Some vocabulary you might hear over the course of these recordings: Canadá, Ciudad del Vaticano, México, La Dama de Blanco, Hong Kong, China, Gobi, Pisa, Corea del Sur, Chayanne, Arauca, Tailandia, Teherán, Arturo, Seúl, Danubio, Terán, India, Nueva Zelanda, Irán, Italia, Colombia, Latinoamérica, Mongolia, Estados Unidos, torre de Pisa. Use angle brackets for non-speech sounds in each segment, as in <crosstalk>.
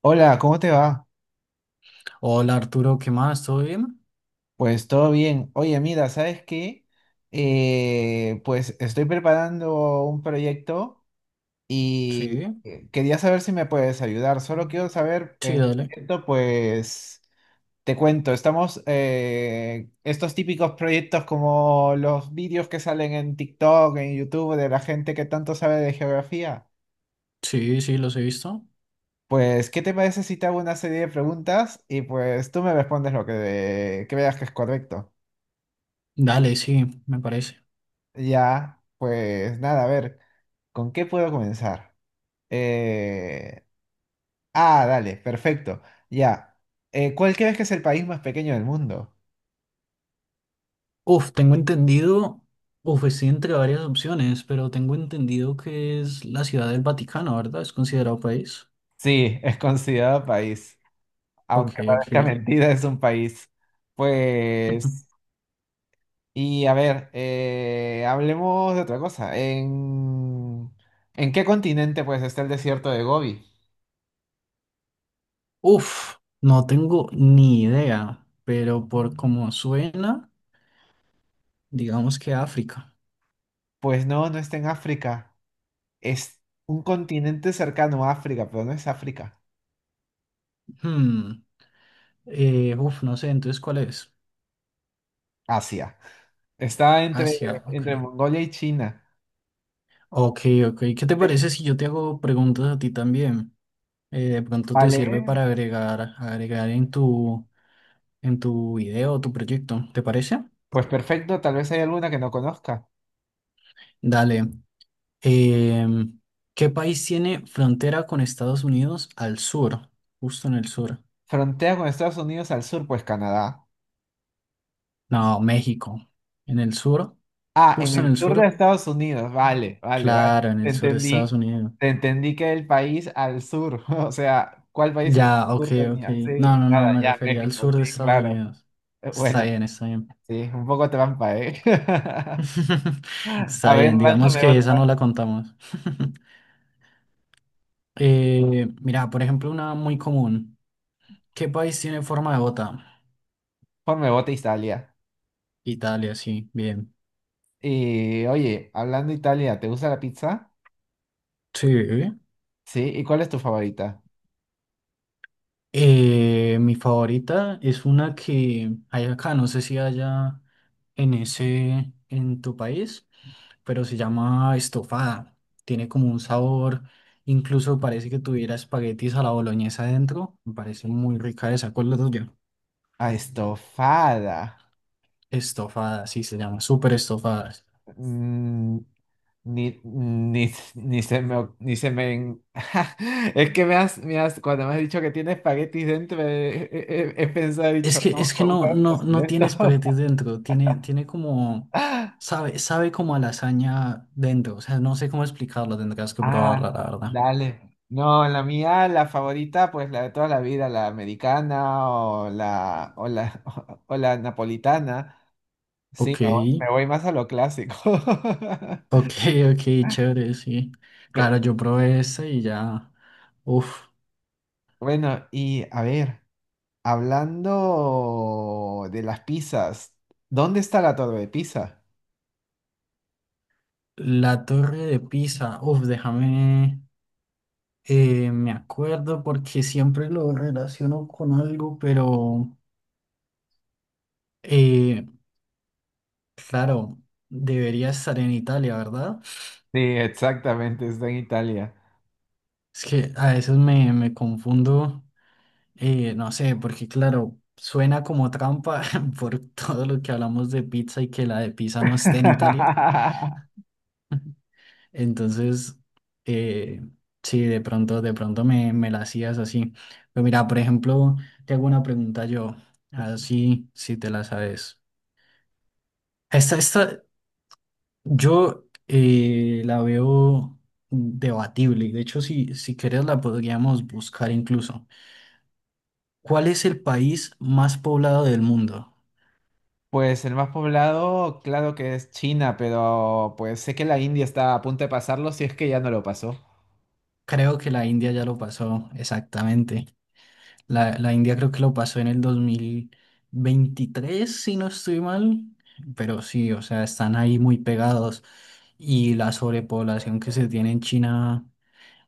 Hola, ¿cómo te va? Hola Arturo, ¿qué más? ¿Todo bien? Pues todo bien. Oye, mira, ¿sabes qué? Pues estoy preparando un proyecto y Sí, quería saber si me puedes ayudar. Solo quiero saber, sí, en dale. esto, pues te cuento, estamos, estos típicos proyectos como los vídeos que salen en TikTok, en YouTube, de la gente que tanto sabe de geografía. Sí, sí, los he visto. Pues, ¿qué te parece si te hago una serie de preguntas y pues tú me respondes lo que veas que es correcto? Dale, sí, me parece. Ya, pues nada, a ver, ¿con qué puedo comenzar? Eh, Ah, dale, perfecto. Ya. ¿Cuál crees que es el país más pequeño del mundo? Uf, tengo entendido, uf, estoy entre varias opciones, pero tengo entendido que es la Ciudad del Vaticano, ¿verdad? Es considerado país. Sí, es considerado país, Ok, aunque ok. parezca <laughs> mentira, es un país. Pues, <laughs> y a ver, hablemos de otra cosa. ¿En qué continente pues está el desierto de Gobi? Uf, no tengo ni idea, pero por cómo suena, digamos que África. Pues no, no está en África. Es un continente cercano a África, pero no es África. Hmm, uf, no sé, entonces, ¿cuál es? Asia. Está entre, Asia, ok. entre Mongolia y China. Ok, ok. ¿Qué te Eh, parece si yo te hago preguntas a ti también? De pronto te Vale, sirve para agregar en tu video o tu proyecto, ¿te parece? pues perfecto, tal vez hay alguna que no conozca. Dale. Em, ¿Qué país tiene frontera con Estados Unidos al sur? Justo en el sur. Frontea con Estados Unidos al sur, pues Canadá. No, México. ¿En el sur? Ah, en ¿Justo en el el sur de sur? Estados Unidos, vale, vale, Claro, vale. en Te el sur de Estados entendí, Unidos. te entendí que el país al sur, <laughs> o sea, ¿cuál país en el Ya, ok, sur ok. tenía? No, Sí, no, no, nada, me ya, refería al México, sur sí, de Estados claro. Unidos. Está Bueno, bien, está bien. sí, un poco trampa, ¿eh? <laughs> <laughs> A Está ver, bien, digamos lánzame que esa otra. no la contamos. <laughs> Mira, por ejemplo, una muy común. ¿Qué país tiene forma de bota? Ponme bota Italia. Italia, sí, bien. Y oye, hablando de Italia, ¿te gusta la pizza? Sí. Sí, ¿y cuál es tu favorita? Mi favorita es una que hay acá, no sé si haya en tu país, pero se llama estofada. Tiene como un sabor, incluso parece que tuviera espaguetis a la boloñesa adentro. Me parece muy rica esa. ¿Cuál es la tuya? Ah, estofada. Estofadas, sí se llama, súper estofadas. Mm, ni se me, ni se me. <laughs> Es que cuando me has dicho que tiene espaguetis dentro, he pensado, he Es dicho, que, ¿cómo, es que cómo no, no, no cocinar esto? tiene espaguetis dentro, tiene como, <laughs> sabe como a lasaña dentro, o sea, no sé cómo explicarlo, tendrás que Ah, probarla, la verdad. dale. No, la mía, la favorita, pues la de toda la vida, la americana o la, <laughs> o la napolitana. Sí, Ok, me voy me <laughs> voy más a lo clásico. ok, <laughs> ok, chévere, sí. Claro, yo probé esta y ya, uf, Bueno, y a ver, hablando de las pizzas, ¿dónde está la torre de Pisa? la torre de Pisa, uf, déjame, me acuerdo porque siempre lo relaciono con algo, pero... Eh, Claro, debería estar en Italia, ¿verdad? Sí, exactamente, está en Italia. Es que a veces me confundo, no sé, porque claro, suena como trampa <laughs> por todo lo que hablamos de pizza y que la de pizza no esté en Italia. <laughs> Entonces, eh, sí, de pronto me la hacías así. Pero mira, por ejemplo, te hago una pregunta yo, así si te la sabes. Esta, esta, Yo la veo debatible y de hecho si quieres la podríamos buscar incluso. ¿Cuál es el país más poblado del mundo? Pues el más poblado, claro que es China, pero pues sé que la India está a punto de pasarlo si es que ya no lo pasó. Creo que la India ya lo pasó, exactamente. La India creo que lo pasó en el 2023 si no estoy mal, pero sí, o sea, están ahí muy pegados y la sobrepoblación que se tiene en China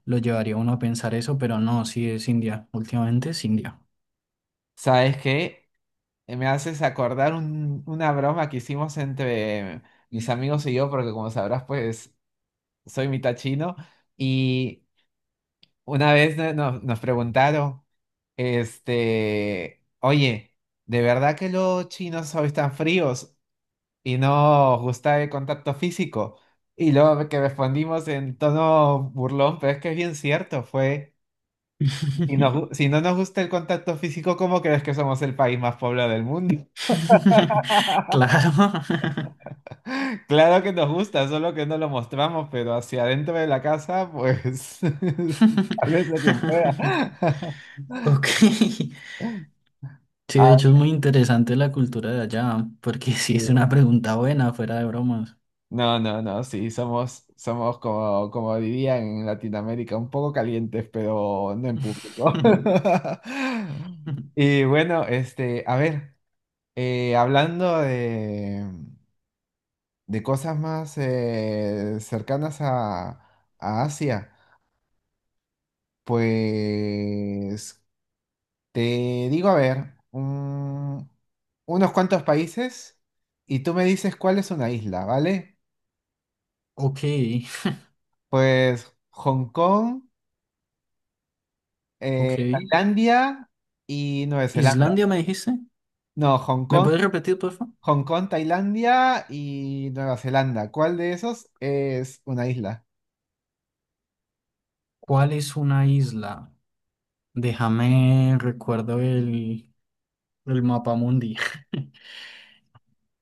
lo llevaría a uno a pensar eso, pero no, sí es India, últimamente es India. ¿Sabes qué? Me haces acordar una broma que hicimos entre mis amigos y yo, porque como sabrás, pues soy mitad chino, y una vez nos preguntaron, este, oye, ¿de verdad que los chinos hoy están fríos y no os gusta el contacto físico? Y luego que respondimos en tono burlón, pero es que es bien cierto, fue, <laughs> si no nos gusta el contacto físico, ¿cómo crees que somos el país más poblado del mundo? <laughs> Claro. <laughs> Claro que nos gusta, solo que no lo mostramos, pero hacia adentro de la casa, pues, <laughs> tal vez a quien pueda. <laughs> <laughs> Ok. Sí, de Ah, hecho es muy interesante la cultura de allá, porque sí es una sí. pregunta buena, fuera de bromas. No, no, no, sí, somos como dirían en Latinoamérica, un poco calientes, pero no en público. <laughs> <laughs> Y bueno, este, a ver, hablando de cosas más cercanas a Asia, pues te digo, a ver, unos cuantos países y tú me dices cuál es una isla, ¿vale? Ok, Pues Hong Kong. eh, ok. Tailandia y Nueva Zelanda. ¿Islandia me dijiste? No, ¿Me puedes repetir, por favor? Hong Kong, Tailandia y Nueva Zelanda. ¿Cuál de esos es una isla? ¿Cuál es una isla? Déjame recuerdo el mapa mundi. <laughs>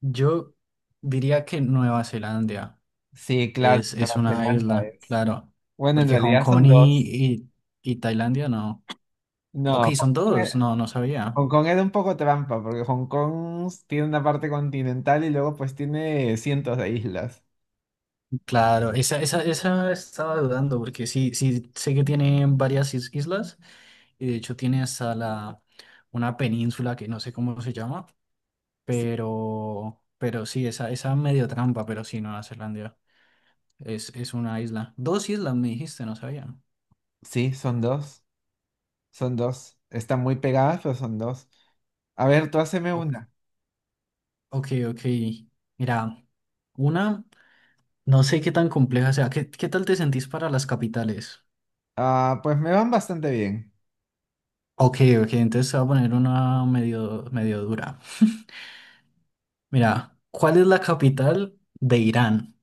Yo diría que Nueva Zelanda. Sí, claro, Es Nueva una Zelanda isla, es. claro. Bueno, en Porque Hong realidad Kong son dos. Y- y Tailandia no. Ok, No, son dos, no, no sabía. Hong Kong era un poco trampa, porque Hong Kong tiene una parte continental y luego pues tiene cientos de islas. Claro, esa estaba dudando, porque sí, sí sé que tiene varias islas, y de hecho tiene hasta la una península que no sé cómo se llama, Sí, pero sí, esa medio trampa, pero sí, Nueva Zelanda es una isla. Dos islas me dijiste, no sabía. sí, son dos, son dos. Están muy pegadas, pero son dos. A ver, tú haceme Ok, una. ok. ok. Mira. Una. No sé qué tan compleja sea. ¿Qué tal te sentís para las capitales? Ah, pues me van bastante bien. Ok, ok, entonces te voy a poner una medio, medio dura. <laughs> Mira, ¿cuál es la capital de Irán?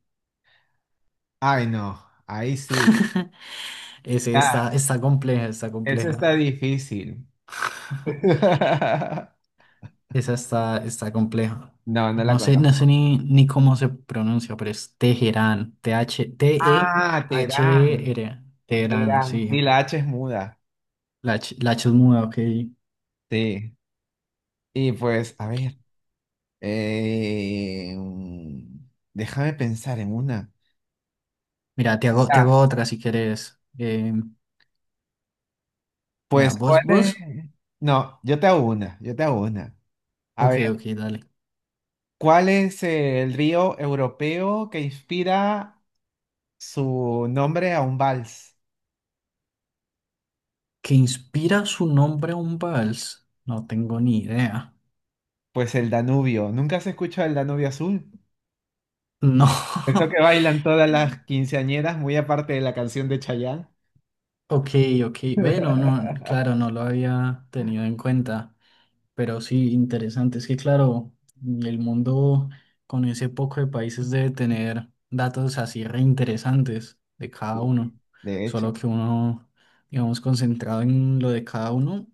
Ay, no, ahí sí. <laughs> Ese Ah, está compleja, está eso está compleja. difícil. <laughs> <laughs> Esa está compleja. No, no la No sé conozco. ni cómo se pronuncia, pero es Teherán. T-H, Ah, Terán, T-E-H-R. E Teherán, Terán. sí. Sí, la H es muda. La H es muda, ok. Sí. Y pues, a ver, déjame pensar en una. Mira, te hago Ah, otra si quieres. Mira, pues, vos, ¿cuál es? vos. No, yo te hago una, yo te hago una. A Ok, ver, ok, dale. ¿cuál es el río europeo que inspira su nombre a un vals? ¿Que inspira su nombre a un vals? No tengo ni idea. Pues el Danubio. ¿Nunca se escucha el Danubio Azul? No. Eso <laughs> que bailan todas las quinceañeras, muy aparte de la canción de Chayanne. Ok, ok. Ve, no, no, <laughs> claro, no lo había tenido en cuenta. Pero sí, interesante. Es que, claro, el mundo con ese poco de países debe tener datos así reinteresantes de cada Sí, uno. de Solo hecho, que uno, digamos, concentrado en lo de cada uno,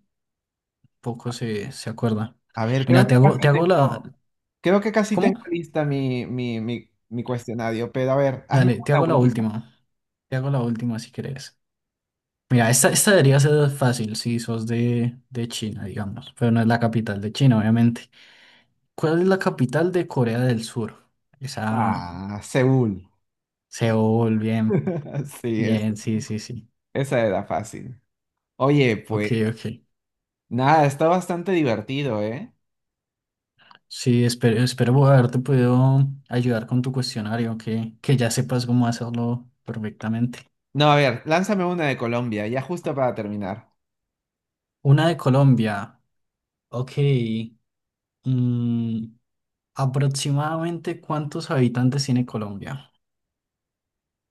poco se acuerda. a ver, Mira, te hago, te hago la... creo que casi ¿Cómo? tengo lista mi cuestionario, pero a ver, hazme Dale, te una hago la última. última. Te hago la última si quieres Mira, esta debería ser fácil si sos de China, digamos. Pero no es la capital de China, obviamente. ¿Cuál es la capital de Corea del Sur? Esa, Ah, Seúl. Seúl, bien, <laughs> Sí, es, bien, sí, sí, sí. esa era fácil. Oye, Ok, pues ok. nada, está bastante divertido, ¿eh? Sí, espero haberte podido ayudar con tu cuestionario, que ya sepas cómo hacerlo perfectamente. No, a ver, lánzame una de Colombia, ya justo para terminar. Una de Colombia. Ok. mm, Aproximadamente, ¿cuántos habitantes tiene Colombia?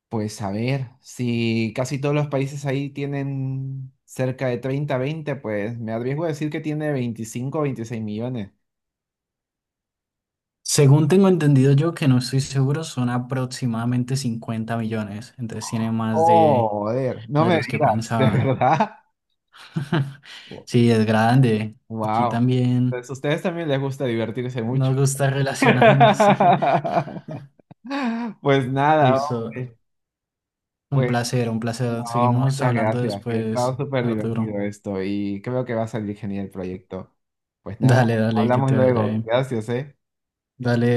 Pues a ver, si casi todos los países ahí tienen cerca de 30 20, pues me arriesgo a decir que tiene 25 o 26 millones. Según tengo entendido yo, que no estoy seguro, son aproximadamente 50 millones. Entonces tiene más de, Joder, no de me los que digas, <laughs> ¿de pensaba. verdad? <laughs> Sí, es grande. Aquí Wow. también Pues a ustedes también les gusta divertirse mucho. nos gusta relacionarnos, sí. <laughs> <laughs> Pues nada, Listo. hombre. Un Pues placer, un placer. no, Seguimos muchas hablando gracias, que ha estado después, súper Arturo. divertido esto y creo que va a salir genial el proyecto. Pues nada, Dale, dale, que hablamos te vaya luego. bien. Gracias, ¿eh? Dale.